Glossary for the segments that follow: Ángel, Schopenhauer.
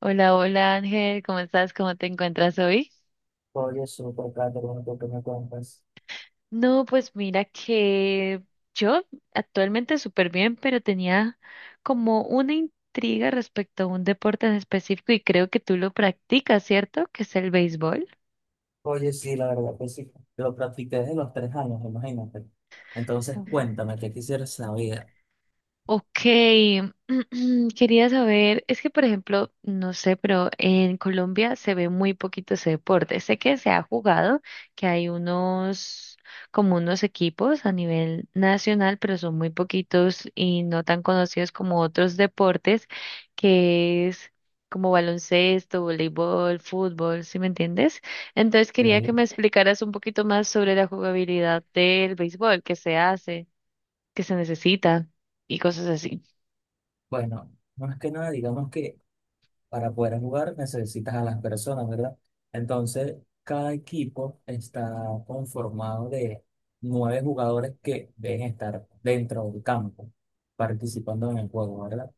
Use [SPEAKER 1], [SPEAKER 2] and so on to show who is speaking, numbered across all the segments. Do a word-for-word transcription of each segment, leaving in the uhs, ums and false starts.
[SPEAKER 1] Hola, hola Ángel, ¿cómo estás? ¿Cómo te encuentras hoy?
[SPEAKER 2] Oye, súper, Kate, bueno, tú que me cuentas.
[SPEAKER 1] No, pues mira que yo actualmente súper bien, pero tenía como una intriga respecto a un deporte en específico y creo que tú lo practicas, ¿cierto? Que es el béisbol.
[SPEAKER 2] Oye, sí, la verdad que sí. Lo practiqué desde los tres años, imagínate. Entonces, cuéntame, ¿qué quisieras saber?
[SPEAKER 1] Ok, quería saber, es que por ejemplo, no sé, pero en Colombia se ve muy poquito ese deporte. Sé que se ha jugado, que hay unos, como unos equipos a nivel nacional, pero son muy poquitos y no tan conocidos como otros deportes, que es como baloncesto, voleibol, fútbol, ¿sí me entiendes? Entonces
[SPEAKER 2] De
[SPEAKER 1] quería
[SPEAKER 2] ahí,
[SPEAKER 1] que me explicaras un poquito más sobre la jugabilidad del béisbol, qué se hace, qué se necesita y cosas así.
[SPEAKER 2] bueno, más que nada, digamos que para poder jugar necesitas a las personas, ¿verdad? Entonces, cada equipo está conformado de nueve jugadores que deben estar dentro del campo, participando en el juego, ¿verdad?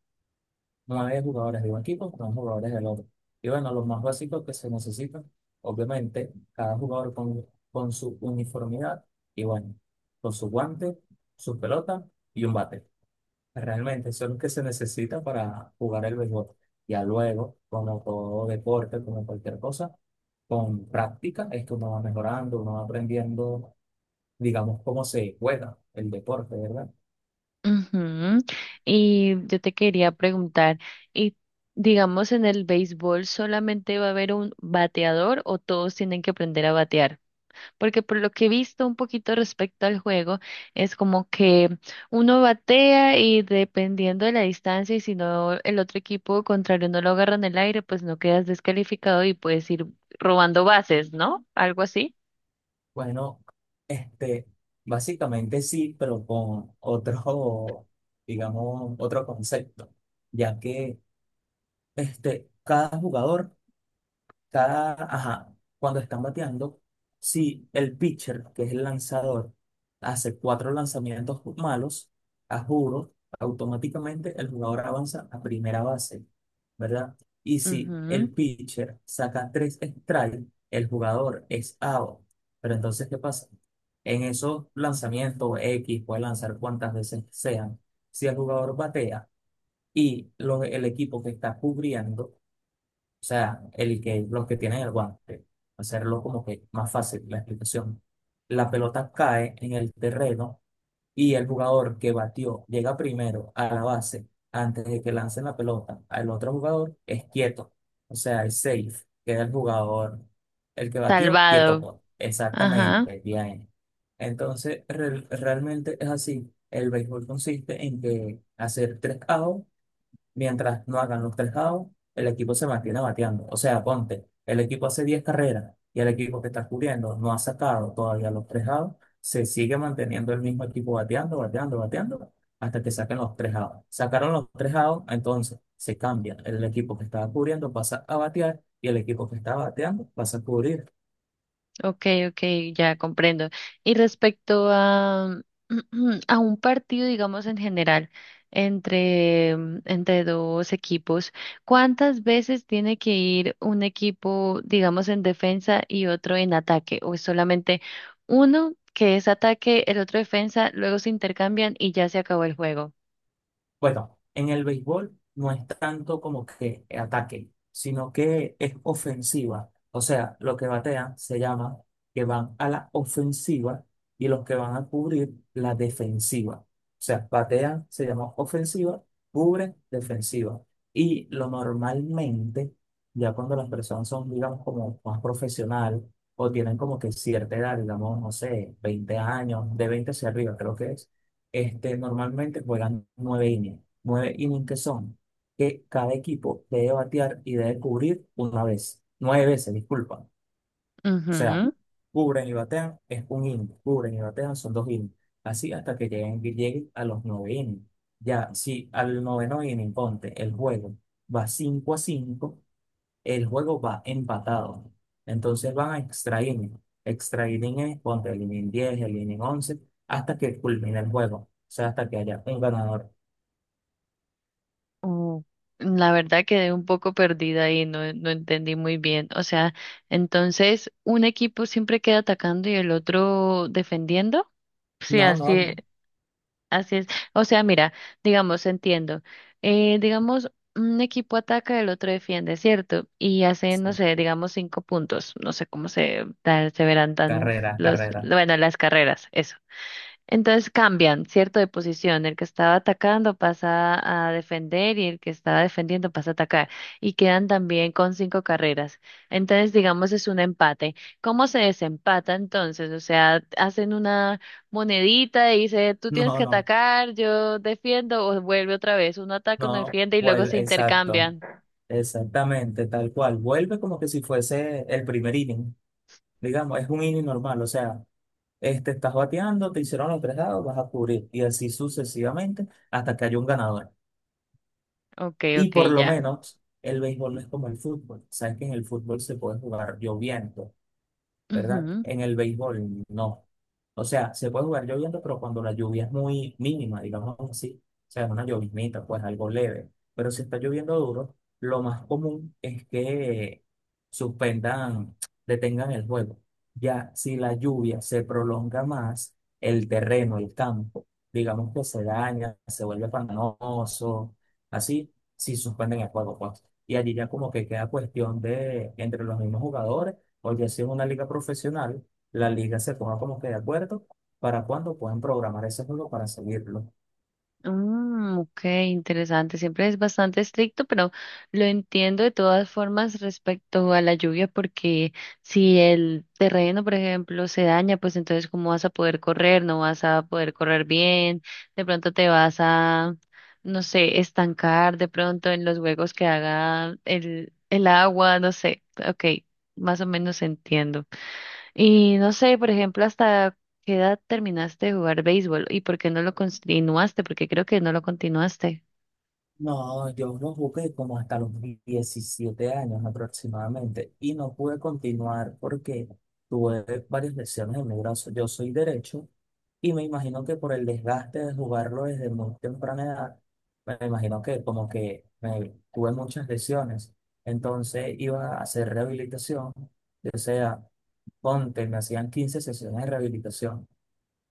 [SPEAKER 2] No hay jugadores de un equipo, no jugadores del otro. Y bueno, los más básicos que se necesitan, obviamente, cada jugador con, con su uniformidad y bueno, con su guante, su pelota y un bate. Realmente, eso es lo que se necesita para jugar el béisbol. Ya luego, como todo deporte, como cualquier cosa, con práctica es que uno va mejorando, uno va aprendiendo, digamos, cómo se juega el deporte, ¿verdad?
[SPEAKER 1] Ujú. Y yo te quería preguntar, y digamos, ¿en el béisbol solamente va a haber un bateador o todos tienen que aprender a batear? Porque por lo que he visto un poquito respecto al juego, es como que uno batea y dependiendo de la distancia y si no el otro equipo contrario no lo agarra en el aire, pues no quedas descalificado y puedes ir robando bases, ¿no? Algo así.
[SPEAKER 2] Bueno, este, básicamente sí, pero con otro, digamos, otro concepto, ya que este, cada jugador cada, ajá, cuando están bateando, si el pitcher, que es el lanzador, hace cuatro lanzamientos malos, a juro, automáticamente el jugador avanza a primera base, ¿verdad? Y si
[SPEAKER 1] Ujú.
[SPEAKER 2] el pitcher saca tres strikes, el jugador es out. Pero entonces, ¿qué pasa? En esos lanzamientos X, puede lanzar cuantas veces sean, si el jugador batea y lo- el equipo que está cubriendo, o sea, el que, los que tienen el guante, hacerlo como que más fácil la explicación. La pelota cae en el terreno y el jugador que batió llega primero a la base antes de que lancen la pelota al otro jugador, es quieto. O sea, es safe, queda el jugador, el que batió, quieto,
[SPEAKER 1] Salvado.
[SPEAKER 2] pues.
[SPEAKER 1] Ajá.
[SPEAKER 2] Exactamente, bien. Entonces, re- realmente es así. El béisbol consiste en que hacer tres outs. Mientras no hagan los tres outs, el equipo se mantiene bateando. O sea, ponte, el equipo hace diez carreras y el equipo que está cubriendo no ha sacado todavía los tres outs, se sigue manteniendo el mismo equipo bateando, bateando, bateando, hasta que saquen los tres outs. Sacaron los tres outs, entonces se cambia. El equipo que estaba cubriendo pasa a batear y el equipo que estaba bateando pasa a cubrir.
[SPEAKER 1] Okay, okay, ya comprendo. Y respecto a, a un partido, digamos en general, entre, mm, entre dos equipos, ¿cuántas veces tiene que ir un equipo, digamos, en defensa y otro en ataque? ¿O es solamente uno que es ataque, el otro defensa, luego se intercambian y ya se acabó el juego?
[SPEAKER 2] Bueno, en el béisbol no es tanto como que ataque, sino que es ofensiva. O sea, lo que batean se llama que van a la ofensiva y los que van a cubrir la defensiva. O sea, batean se llama ofensiva, cubren defensiva. Y lo normalmente, ya cuando las personas son, digamos, como más profesional o tienen como que cierta edad, digamos, no sé, veinte años, de veinte hacia arriba, creo que es este, normalmente juegan nueve innings. Nueve innings que son que cada equipo debe batear y debe cubrir una vez. Nueve veces, disculpa. O sea,
[SPEAKER 1] Ujú.
[SPEAKER 2] cubren y batean es un inning. Cubren y batean son dos innings. Así hasta que lleguen, que lleguen a los nueve innings. Ya, si al noveno inning, ponte, el juego va cinco a cinco, el juego va empatado. Entonces van a extra inning. Extra inning es ponte el inning diez, el inning once, hasta que culmine el juego. O sea, hasta que haya un ganador.
[SPEAKER 1] Oh, la verdad quedé un poco perdida ahí, no, no entendí muy bien. O sea, entonces un equipo siempre queda atacando y el otro defendiendo. Sí,
[SPEAKER 2] No,
[SPEAKER 1] así,
[SPEAKER 2] no,
[SPEAKER 1] e-
[SPEAKER 2] no.
[SPEAKER 1] así es. O sea, mira, digamos, entiendo. Eh, digamos, un equipo ataca, el otro defiende, ¿cierto? Y hace,
[SPEAKER 2] Sí.
[SPEAKER 1] no sé, digamos cinco puntos. No sé cómo se, ta- se verán tan
[SPEAKER 2] Carrera,
[SPEAKER 1] los,
[SPEAKER 2] carrera.
[SPEAKER 1] bueno, las carreras, eso. Entonces cambian, ¿cierto? De posición. El que estaba atacando pasa a defender y el que estaba defendiendo pasa a atacar. Y quedan también con cinco carreras. Entonces, digamos, es un empate. ¿Cómo se desempata entonces? O sea, ¿hacen una monedita y dice, tú tienes
[SPEAKER 2] No,
[SPEAKER 1] que
[SPEAKER 2] no,
[SPEAKER 1] atacar, yo defiendo, o vuelve otra vez? Uno ataca, uno
[SPEAKER 2] no.
[SPEAKER 1] defiende y luego se
[SPEAKER 2] Vuelve, exacto.
[SPEAKER 1] intercambian.
[SPEAKER 2] Exactamente, tal cual. Vuelve como que si fuese el primer inning. Digamos, es un inning normal. O sea, este, estás bateando, te hicieron los tres dados, vas a cubrir. Y así sucesivamente hasta que haya un ganador.
[SPEAKER 1] Ok,
[SPEAKER 2] Y
[SPEAKER 1] ok,
[SPEAKER 2] por lo
[SPEAKER 1] ya.
[SPEAKER 2] menos el béisbol no es como el fútbol. Sabes que en el fútbol se puede jugar lloviendo, ¿verdad?
[SPEAKER 1] Ujú.
[SPEAKER 2] En el béisbol, no. O sea, se puede jugar lloviendo, pero cuando la lluvia es muy mínima, digamos así, o sea, una lloviznita, pues algo leve. Pero si está lloviendo duro, lo más común es que suspendan, detengan el juego. Ya si la lluvia se prolonga más, el terreno, el campo, digamos que se daña, se vuelve pantanoso, así, si suspenden el juego, pues. Y allí ya como que queda cuestión de entre los mismos jugadores o ya si es una liga profesional, la liga se ponga como que de acuerdo para cuándo pueden programar ese juego para seguirlo.
[SPEAKER 1] Mm, ok, interesante. Siempre es bastante estricto, pero lo entiendo de todas formas respecto a la lluvia, porque si el terreno, por ejemplo, se daña, pues entonces ¿cómo vas a poder correr? No vas a poder correr bien, de pronto te vas a, no sé, estancar de pronto en los huecos que haga el, el agua, no sé. Ok, más o menos entiendo. Y no sé, por ejemplo, hasta qué edad terminaste de jugar béisbol y por qué no lo continuaste, porque creo que no lo continuaste.
[SPEAKER 2] No, yo lo jugué como hasta los diecisiete años aproximadamente y no pude continuar porque tuve varias lesiones en mi brazo. Yo soy derecho y me imagino que por el desgaste de jugarlo desde muy temprana edad, me imagino que como que me, tuve muchas lesiones. Entonces iba a hacer rehabilitación, o sea, ponte, me hacían quince sesiones de rehabilitación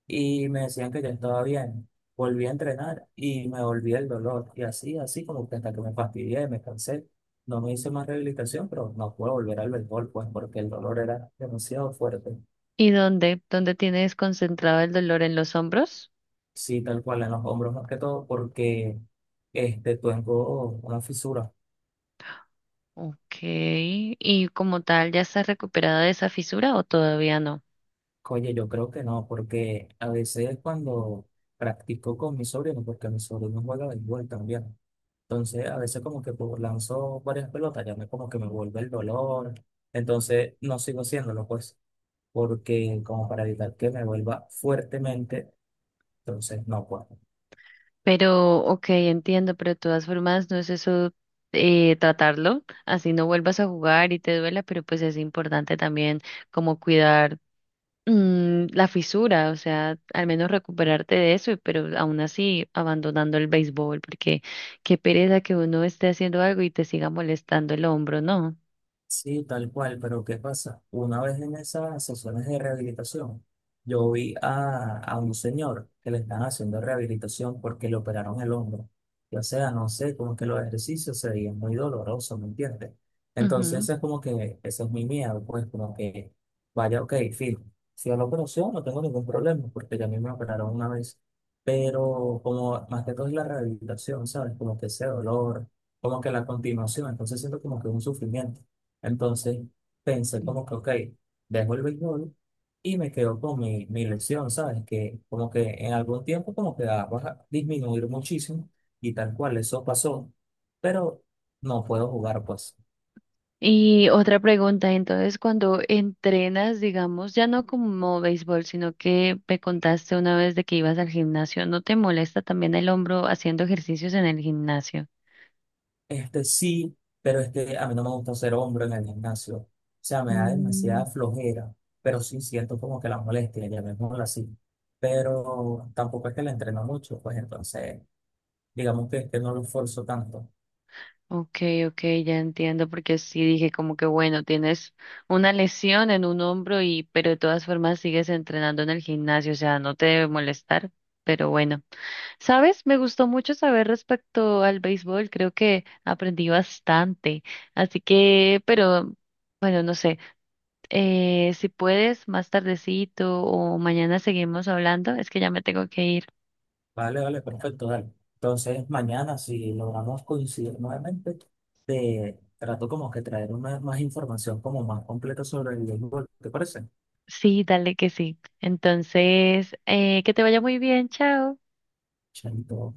[SPEAKER 2] y me decían que yo estaba bien. Volví a entrenar y me volví el dolor. Y así, así como que hasta que me fastidié, me cansé. No me hice más rehabilitación, pero no puedo volver al béisbol, pues porque el dolor era demasiado fuerte.
[SPEAKER 1] ¿Y dónde? ¿Dónde tienes concentrado el dolor en los hombros?
[SPEAKER 2] Sí, tal cual, en los hombros más que todo, porque este, tengo una fisura.
[SPEAKER 1] Ok. ¿Y como tal ya estás recuperada de esa fisura o todavía no?
[SPEAKER 2] Oye, yo creo que no, porque a veces cuando practico con mis sobrinos, porque mi sobrino juega béisbol también. Entonces, a veces como que pues, lanzo varias pelotas, ya me como que me vuelve el dolor. Entonces, no sigo haciéndolo, pues, porque como para evitar que me vuelva fuertemente, entonces no puedo.
[SPEAKER 1] Pero, ok, entiendo, pero de todas formas no es eso, eh, tratarlo, así no vuelvas a jugar y te duela, pero pues es importante también como cuidar, mm, la fisura, o sea, al menos recuperarte de eso, pero aún así abandonando el béisbol, porque qué pereza que uno esté haciendo algo y te siga molestando el hombro, ¿no?
[SPEAKER 2] Sí, tal cual, pero ¿qué pasa? Una vez en esas sesiones de rehabilitación, yo vi a, a un señor que le están haciendo rehabilitación porque le operaron el hombro. Y, o sea, no sé, como que los ejercicios se veían muy dolorosos, ¿me entiendes?
[SPEAKER 1] Ujú.
[SPEAKER 2] Entonces, es como que ese es mi miedo, pues, como que, vaya, ok, filo, si a la operación no tengo ningún problema, porque ya a mí me operaron una vez, pero como más que todo es la rehabilitación, ¿sabes? Como que ese dolor, como que la continuación, entonces siento como que un sufrimiento. Entonces pensé como que, ok, dejo el béisbol y me quedo con mi, mi lección, ¿sabes? Que como que en algún tiempo como que va a disminuir muchísimo y tal cual, eso pasó, pero no puedo jugar, pues.
[SPEAKER 1] Y otra pregunta, entonces, cuando entrenas, digamos, ya no como béisbol, sino que me contaste una vez de que ibas al gimnasio, ¿no te molesta también el hombro haciendo ejercicios en el gimnasio?
[SPEAKER 2] Este sí, pero es que a mí no me gusta ser hombro en el gimnasio. O sea, me da
[SPEAKER 1] Mm.
[SPEAKER 2] demasiada flojera, pero sí siento como que la molestia, llamémosla así. Pero tampoco es que la entreno mucho, pues entonces digamos que, que no lo esfuerzo tanto.
[SPEAKER 1] Okay, okay, ya entiendo, porque sí dije como que bueno, tienes una lesión en un hombro y, pero de todas formas sigues entrenando en el gimnasio, o sea, no te debe molestar, pero bueno, ¿sabes? Me gustó mucho saber respecto al béisbol, creo que aprendí bastante, así que, pero bueno, no sé, eh, si puedes más tardecito o mañana seguimos hablando, es que ya me tengo que ir.
[SPEAKER 2] Vale, vale, perfecto, dale. Entonces, mañana, si logramos coincidir nuevamente, te trato como que traer una, más información como más completa sobre el béisbol, ¿te parece?
[SPEAKER 1] Sí, dale que sí. Entonces, eh, que te vaya muy bien, chao.
[SPEAKER 2] Chaito.